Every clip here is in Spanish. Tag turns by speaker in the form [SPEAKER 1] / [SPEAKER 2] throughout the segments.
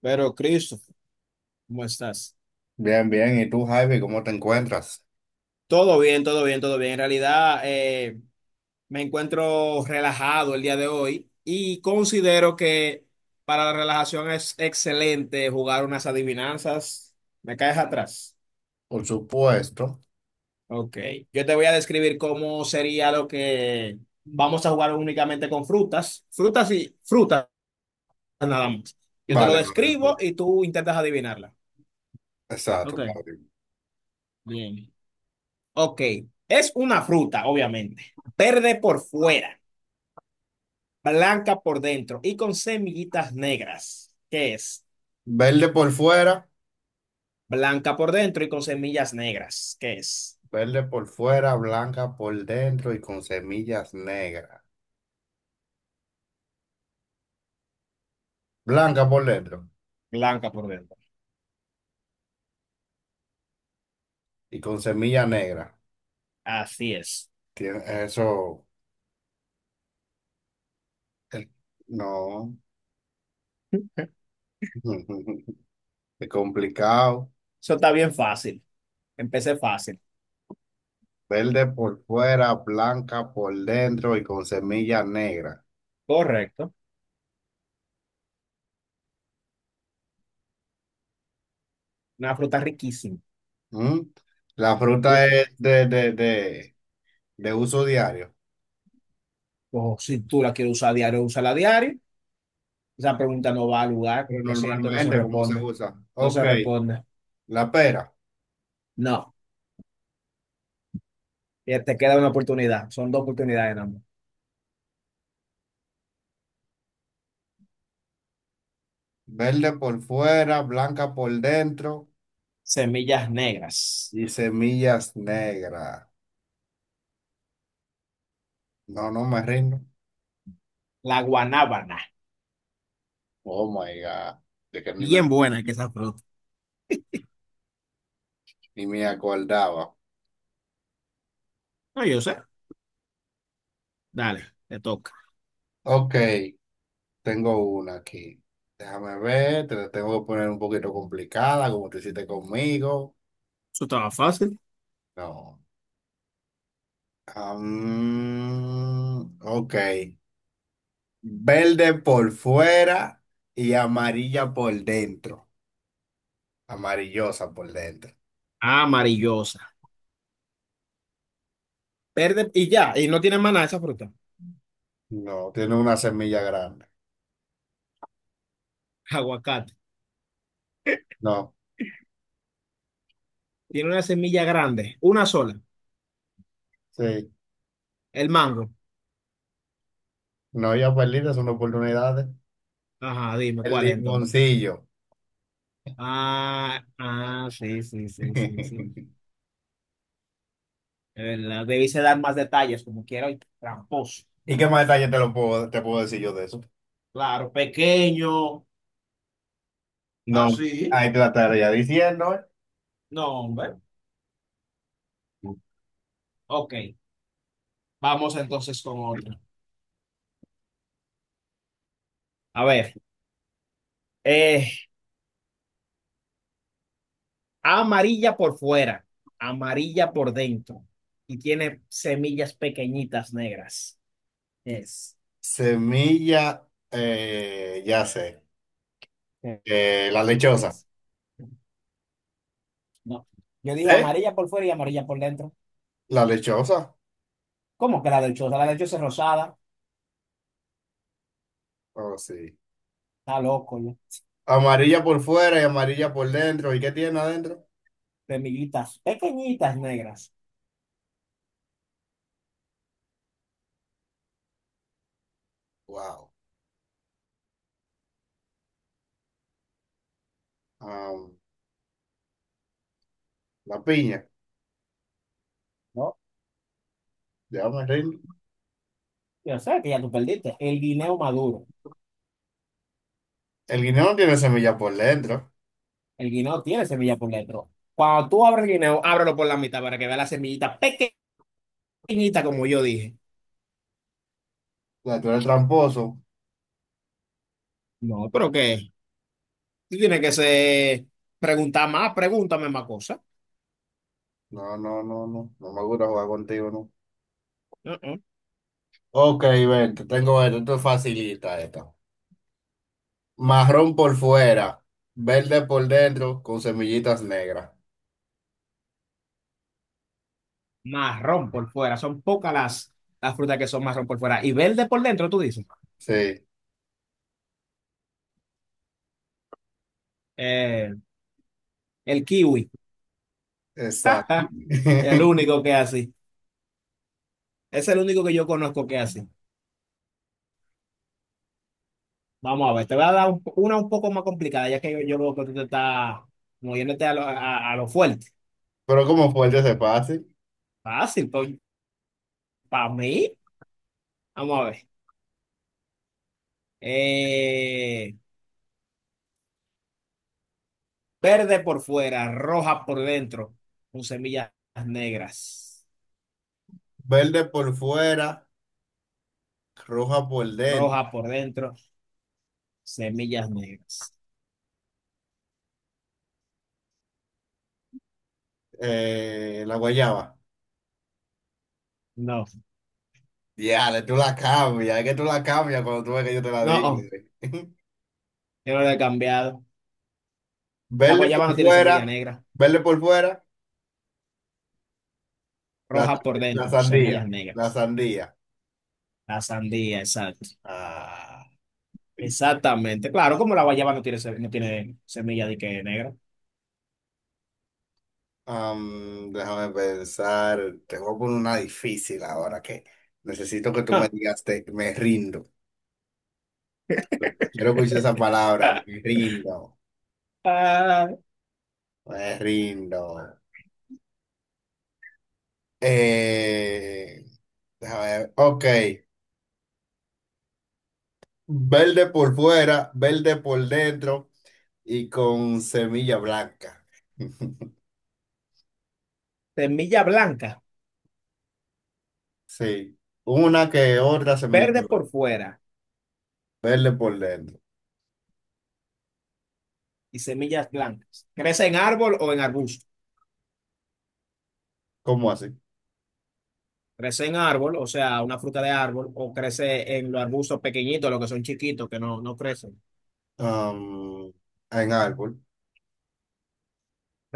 [SPEAKER 1] Pero, Christopher, ¿cómo estás?
[SPEAKER 2] Bien, bien. ¿Y tú, Javi, cómo te encuentras?
[SPEAKER 1] Todo bien, todo bien, todo bien. En realidad, me encuentro relajado el día de hoy y considero que para la relajación es excelente jugar unas adivinanzas. ¿Me caes atrás?
[SPEAKER 2] Por supuesto.
[SPEAKER 1] Ok. Yo te voy a describir cómo sería lo que vamos a jugar únicamente con frutas. Frutas y frutas nada más. Yo te lo
[SPEAKER 2] Vale, vale,
[SPEAKER 1] describo
[SPEAKER 2] vale.
[SPEAKER 1] y tú intentas adivinarla. Ok,
[SPEAKER 2] Exacto, vale.
[SPEAKER 1] bien. Ok, es una fruta, obviamente. Verde por fuera, blanca por dentro y con semillitas negras. ¿Qué es?
[SPEAKER 2] Verde por fuera,
[SPEAKER 1] Blanca por dentro y con semillas negras. ¿Qué es?
[SPEAKER 2] blanca por dentro y con semillas negras. Blanca por dentro
[SPEAKER 1] Blanca por dentro.
[SPEAKER 2] y con semillas negras.
[SPEAKER 1] Así es.
[SPEAKER 2] Tiene eso. eh, No. Es complicado.
[SPEAKER 1] Eso está bien fácil. Empecé fácil.
[SPEAKER 2] Verde por fuera, blanca por dentro y con semillas negras.
[SPEAKER 1] Correcto. Una fruta riquísima.
[SPEAKER 2] ¿Mm? La
[SPEAKER 1] Uf,
[SPEAKER 2] fruta es de uso diario.
[SPEAKER 1] o si tú la quieres usar diario, úsala a diario. Esa pregunta no va al lugar.
[SPEAKER 2] Pero
[SPEAKER 1] Lo siento, no se
[SPEAKER 2] normalmente, ¿cómo se
[SPEAKER 1] responde.
[SPEAKER 2] usa?
[SPEAKER 1] No
[SPEAKER 2] Ok,
[SPEAKER 1] se responde.
[SPEAKER 2] la pera.
[SPEAKER 1] No. Te queda una oportunidad. Son dos oportunidades, nada más.
[SPEAKER 2] Verde por fuera, blanca por dentro
[SPEAKER 1] Semillas negras.
[SPEAKER 2] y semillas negras. No, no me rindo.
[SPEAKER 1] La guanábana.
[SPEAKER 2] Oh my God. De que ni me,
[SPEAKER 1] Bien buena que esa fruta.
[SPEAKER 2] ni me acordaba.
[SPEAKER 1] No, yo sé. Dale, te toca.
[SPEAKER 2] Ok, tengo una aquí. Déjame ver, te la tengo que poner un poquito complicada, como te hiciste conmigo.
[SPEAKER 1] Eso estaba fácil.
[SPEAKER 2] No. Ok. Verde por fuera y amarilla por dentro. Amarillosa por dentro.
[SPEAKER 1] Amarillosa. Verde y ya. Y no tiene más nada esa fruta.
[SPEAKER 2] No, tiene una semilla grande.
[SPEAKER 1] Aguacate.
[SPEAKER 2] No,
[SPEAKER 1] Tiene una semilla grande. Una sola.
[SPEAKER 2] sí.
[SPEAKER 1] El mango.
[SPEAKER 2] No, ya perdidas son oportunidades.
[SPEAKER 1] Ajá, dime
[SPEAKER 2] El
[SPEAKER 1] cuál es entonces.
[SPEAKER 2] limoncillo.
[SPEAKER 1] Ah, ah, sí, sí, sí, sí, sí. De verdad, debiste dar más detalles como quiero. Y tramposo.
[SPEAKER 2] ¿Y qué más detalle te lo puedo, te puedo decir yo de eso?
[SPEAKER 1] Claro, pequeño.
[SPEAKER 2] No,
[SPEAKER 1] Así.
[SPEAKER 2] ahí te la estaría diciendo. ¿Eh?
[SPEAKER 1] No, hombre. Ok. Vamos entonces con otra. A ver. Eh, amarilla por fuera, amarilla por dentro y tiene semillas pequeñitas negras. Es,
[SPEAKER 2] Semilla, ya sé. La lechosa.
[SPEAKER 1] es. No. Yo dije
[SPEAKER 2] ¿Eh?
[SPEAKER 1] amarilla por fuera y amarilla por dentro.
[SPEAKER 2] La lechosa.
[SPEAKER 1] ¿Cómo que la del choza? La del choza es rosada.
[SPEAKER 2] Oh, sí.
[SPEAKER 1] Está loco, yo.
[SPEAKER 2] Amarilla por fuera y amarilla por dentro. ¿Y qué tiene adentro?
[SPEAKER 1] Semillitas pequeñitas negras.
[SPEAKER 2] Wow. Ah, la piña.
[SPEAKER 1] ¿No?
[SPEAKER 2] Ya me rindo.
[SPEAKER 1] Yo sé que ya tú perdiste. El guineo maduro.
[SPEAKER 2] El guineo no tiene semilla por dentro.
[SPEAKER 1] El guineo tiene semilla por dentro. Cuando tú abres el guineo, ábrelo por la mitad para que vea la semillita pequeñita, como yo dije.
[SPEAKER 2] Ya, tú eres tramposo.
[SPEAKER 1] No, pero ¿qué? Tú tienes que ser, preguntar más, pregúntame más cosas.
[SPEAKER 2] No, no, no, no. No me gusta jugar contigo, no.
[SPEAKER 1] Uh-uh.
[SPEAKER 2] Ok, ven, te tengo esto. Esto es facilita, esta. Marrón por fuera, verde por dentro, con semillitas negras.
[SPEAKER 1] Marrón por fuera, son pocas las frutas que son marrón por fuera. Y verde por dentro, tú dices.
[SPEAKER 2] Sí,
[SPEAKER 1] Eh, el kiwi,
[SPEAKER 2] exacto.
[SPEAKER 1] el único que es así. Es el único que yo conozco que es así. Vamos a ver, te voy a dar un- una un poco más complicada, ya que yo veo que tú te estás moviéndote a lo fuerte.
[SPEAKER 2] Pero como fuerte se pase.
[SPEAKER 1] Fácil, pues, para mí. Vamos a ver. Eh, verde por fuera, roja por dentro, con semillas negras.
[SPEAKER 2] Verde por fuera, roja por dentro.
[SPEAKER 1] Roja por dentro, semillas negras.
[SPEAKER 2] La guayaba.
[SPEAKER 1] No,
[SPEAKER 2] Ya, tú la cambias. Es que tú la cambias cuando tú ves que yo te la digo.
[SPEAKER 1] no, yo no lo he cambiado. La
[SPEAKER 2] Verde
[SPEAKER 1] guayaba no
[SPEAKER 2] por
[SPEAKER 1] tiene semilla
[SPEAKER 2] fuera,
[SPEAKER 1] negra,
[SPEAKER 2] verde por fuera. La,
[SPEAKER 1] roja por
[SPEAKER 2] la
[SPEAKER 1] dentro,
[SPEAKER 2] sandía,
[SPEAKER 1] semillas
[SPEAKER 2] la
[SPEAKER 1] negras.
[SPEAKER 2] sandía.
[SPEAKER 1] La sandía, exacto.
[SPEAKER 2] Ah,
[SPEAKER 1] Exactamente. Claro, como la guayaba no tiene, no tiene semilla de que negra.
[SPEAKER 2] déjame pensar, te voy a poner una difícil ahora que necesito que tú me
[SPEAKER 1] Ah,
[SPEAKER 2] digas, me rindo. Quiero escuchar esa palabra,
[SPEAKER 1] ah,
[SPEAKER 2] me rindo. Eh, Déjame ver, ok. Verde por fuera, verde por dentro y con semilla blanca.
[SPEAKER 1] semilla blanca,
[SPEAKER 2] Sí, una que otra semilla
[SPEAKER 1] verde por fuera
[SPEAKER 2] verde por dentro.
[SPEAKER 1] y semillas blancas. ¿Crece en árbol o en arbusto?
[SPEAKER 2] ¿Cómo así?
[SPEAKER 1] Crece en árbol, o sea, una fruta de árbol, o crece en los arbustos pequeñitos, los que son chiquitos, que no, no crecen.
[SPEAKER 2] am, en árbol.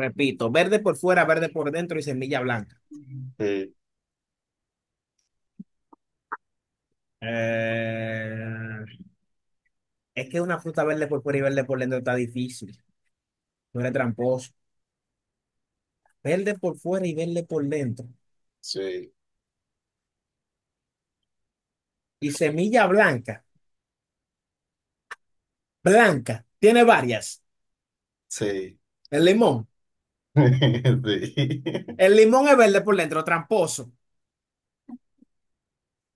[SPEAKER 1] Repito, verde por fuera, verde por dentro y semilla blanca.
[SPEAKER 2] Ujú. Sí,
[SPEAKER 1] Eh, es que una fruta verde por fuera y verde por dentro está difícil. No eres tramposo. Verde por fuera y verde por dentro.
[SPEAKER 2] sí,
[SPEAKER 1] Y semilla blanca. Blanca. Tiene varias.
[SPEAKER 2] sí.
[SPEAKER 1] El limón.
[SPEAKER 2] Sí.
[SPEAKER 1] El limón es verde por dentro, tramposo.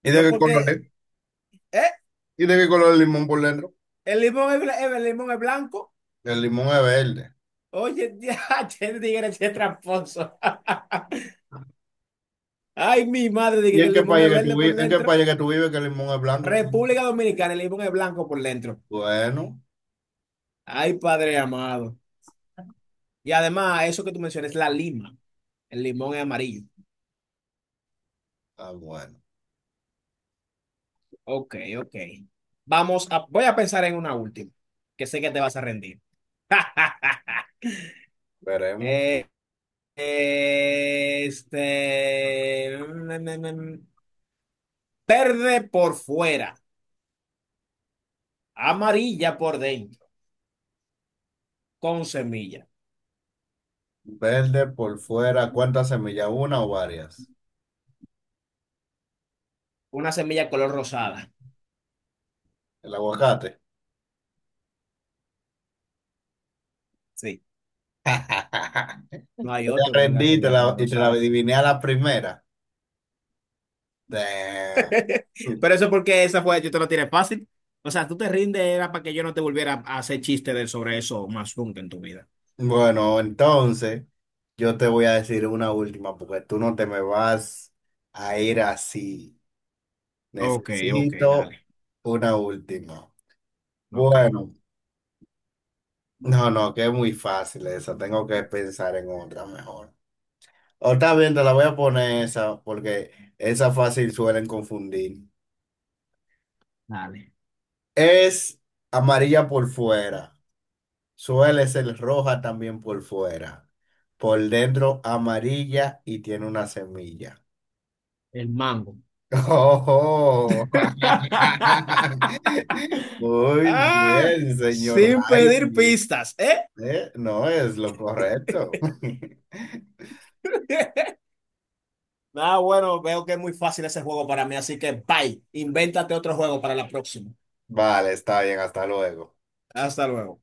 [SPEAKER 2] ¿Y
[SPEAKER 1] Yo
[SPEAKER 2] de qué color es?
[SPEAKER 1] porque... ¿Eh?
[SPEAKER 2] ¿Y de qué color el limón por dentro?
[SPEAKER 1] El limón es, el limón es blanco.
[SPEAKER 2] El limón es verde.
[SPEAKER 1] Oye, ya, che, tigre, che, tramposo. Ay, mi madre, dije
[SPEAKER 2] ¿Y
[SPEAKER 1] que
[SPEAKER 2] en
[SPEAKER 1] el
[SPEAKER 2] qué
[SPEAKER 1] limón es
[SPEAKER 2] país que tú
[SPEAKER 1] verde por
[SPEAKER 2] vives? ¿En qué
[SPEAKER 1] dentro.
[SPEAKER 2] país que tú vives que el limón es blanco por dentro?
[SPEAKER 1] República Dominicana, el limón es blanco por dentro.
[SPEAKER 2] Bueno,
[SPEAKER 1] Ay, padre amado. Y además, eso que tú mencionas, la lima. El limón es amarillo.
[SPEAKER 2] ah, bueno.
[SPEAKER 1] Ok, ok. Vamos a, voy a pensar en una última, que sé que te vas a rendir.
[SPEAKER 2] Veremos.
[SPEAKER 1] Eh, este, mm. verde por fuera, amarilla por dentro, con semilla.
[SPEAKER 2] Verde por fuera. ¿Cuántas semillas? ¿Una o varias?
[SPEAKER 1] Una semilla color rosada.
[SPEAKER 2] El aguacate.
[SPEAKER 1] Sí, no hay
[SPEAKER 2] Yo te
[SPEAKER 1] otro que tenga
[SPEAKER 2] rendí y
[SPEAKER 1] semilla color
[SPEAKER 2] y te la
[SPEAKER 1] rosada.
[SPEAKER 2] adiviné a la primera. Damn.
[SPEAKER 1] Pero eso es porque esa fue, yo te lo tiré fácil. O sea, tú te rindes, era para que yo no te volviera a hacer chistes de, sobre eso más nunca en tu vida.
[SPEAKER 2] Bueno, entonces yo te voy a decir una última porque tú no te me vas a ir así.
[SPEAKER 1] Ok, ok,
[SPEAKER 2] Necesito
[SPEAKER 1] dale.
[SPEAKER 2] una última.
[SPEAKER 1] Ok,
[SPEAKER 2] Bueno, no, no, que es muy fácil esa. Tengo que pensar en otra mejor. O está bien, te la voy a poner esa porque esa fácil suelen confundir.
[SPEAKER 1] dale.
[SPEAKER 2] Es amarilla por fuera. Suele ser roja también por fuera. Por dentro amarilla y tiene una semilla.
[SPEAKER 1] El mango.
[SPEAKER 2] Oh, muy
[SPEAKER 1] Ah,
[SPEAKER 2] bien, señor
[SPEAKER 1] sin pedir
[SPEAKER 2] Jaime.
[SPEAKER 1] pistas, ¿eh?
[SPEAKER 2] ¿Eh? No es lo correcto.
[SPEAKER 1] Ah, bueno, veo que es muy fácil ese juego para mí, así que bye. Invéntate otro juego para la próxima.
[SPEAKER 2] Vale, está bien, hasta luego.
[SPEAKER 1] Hasta luego.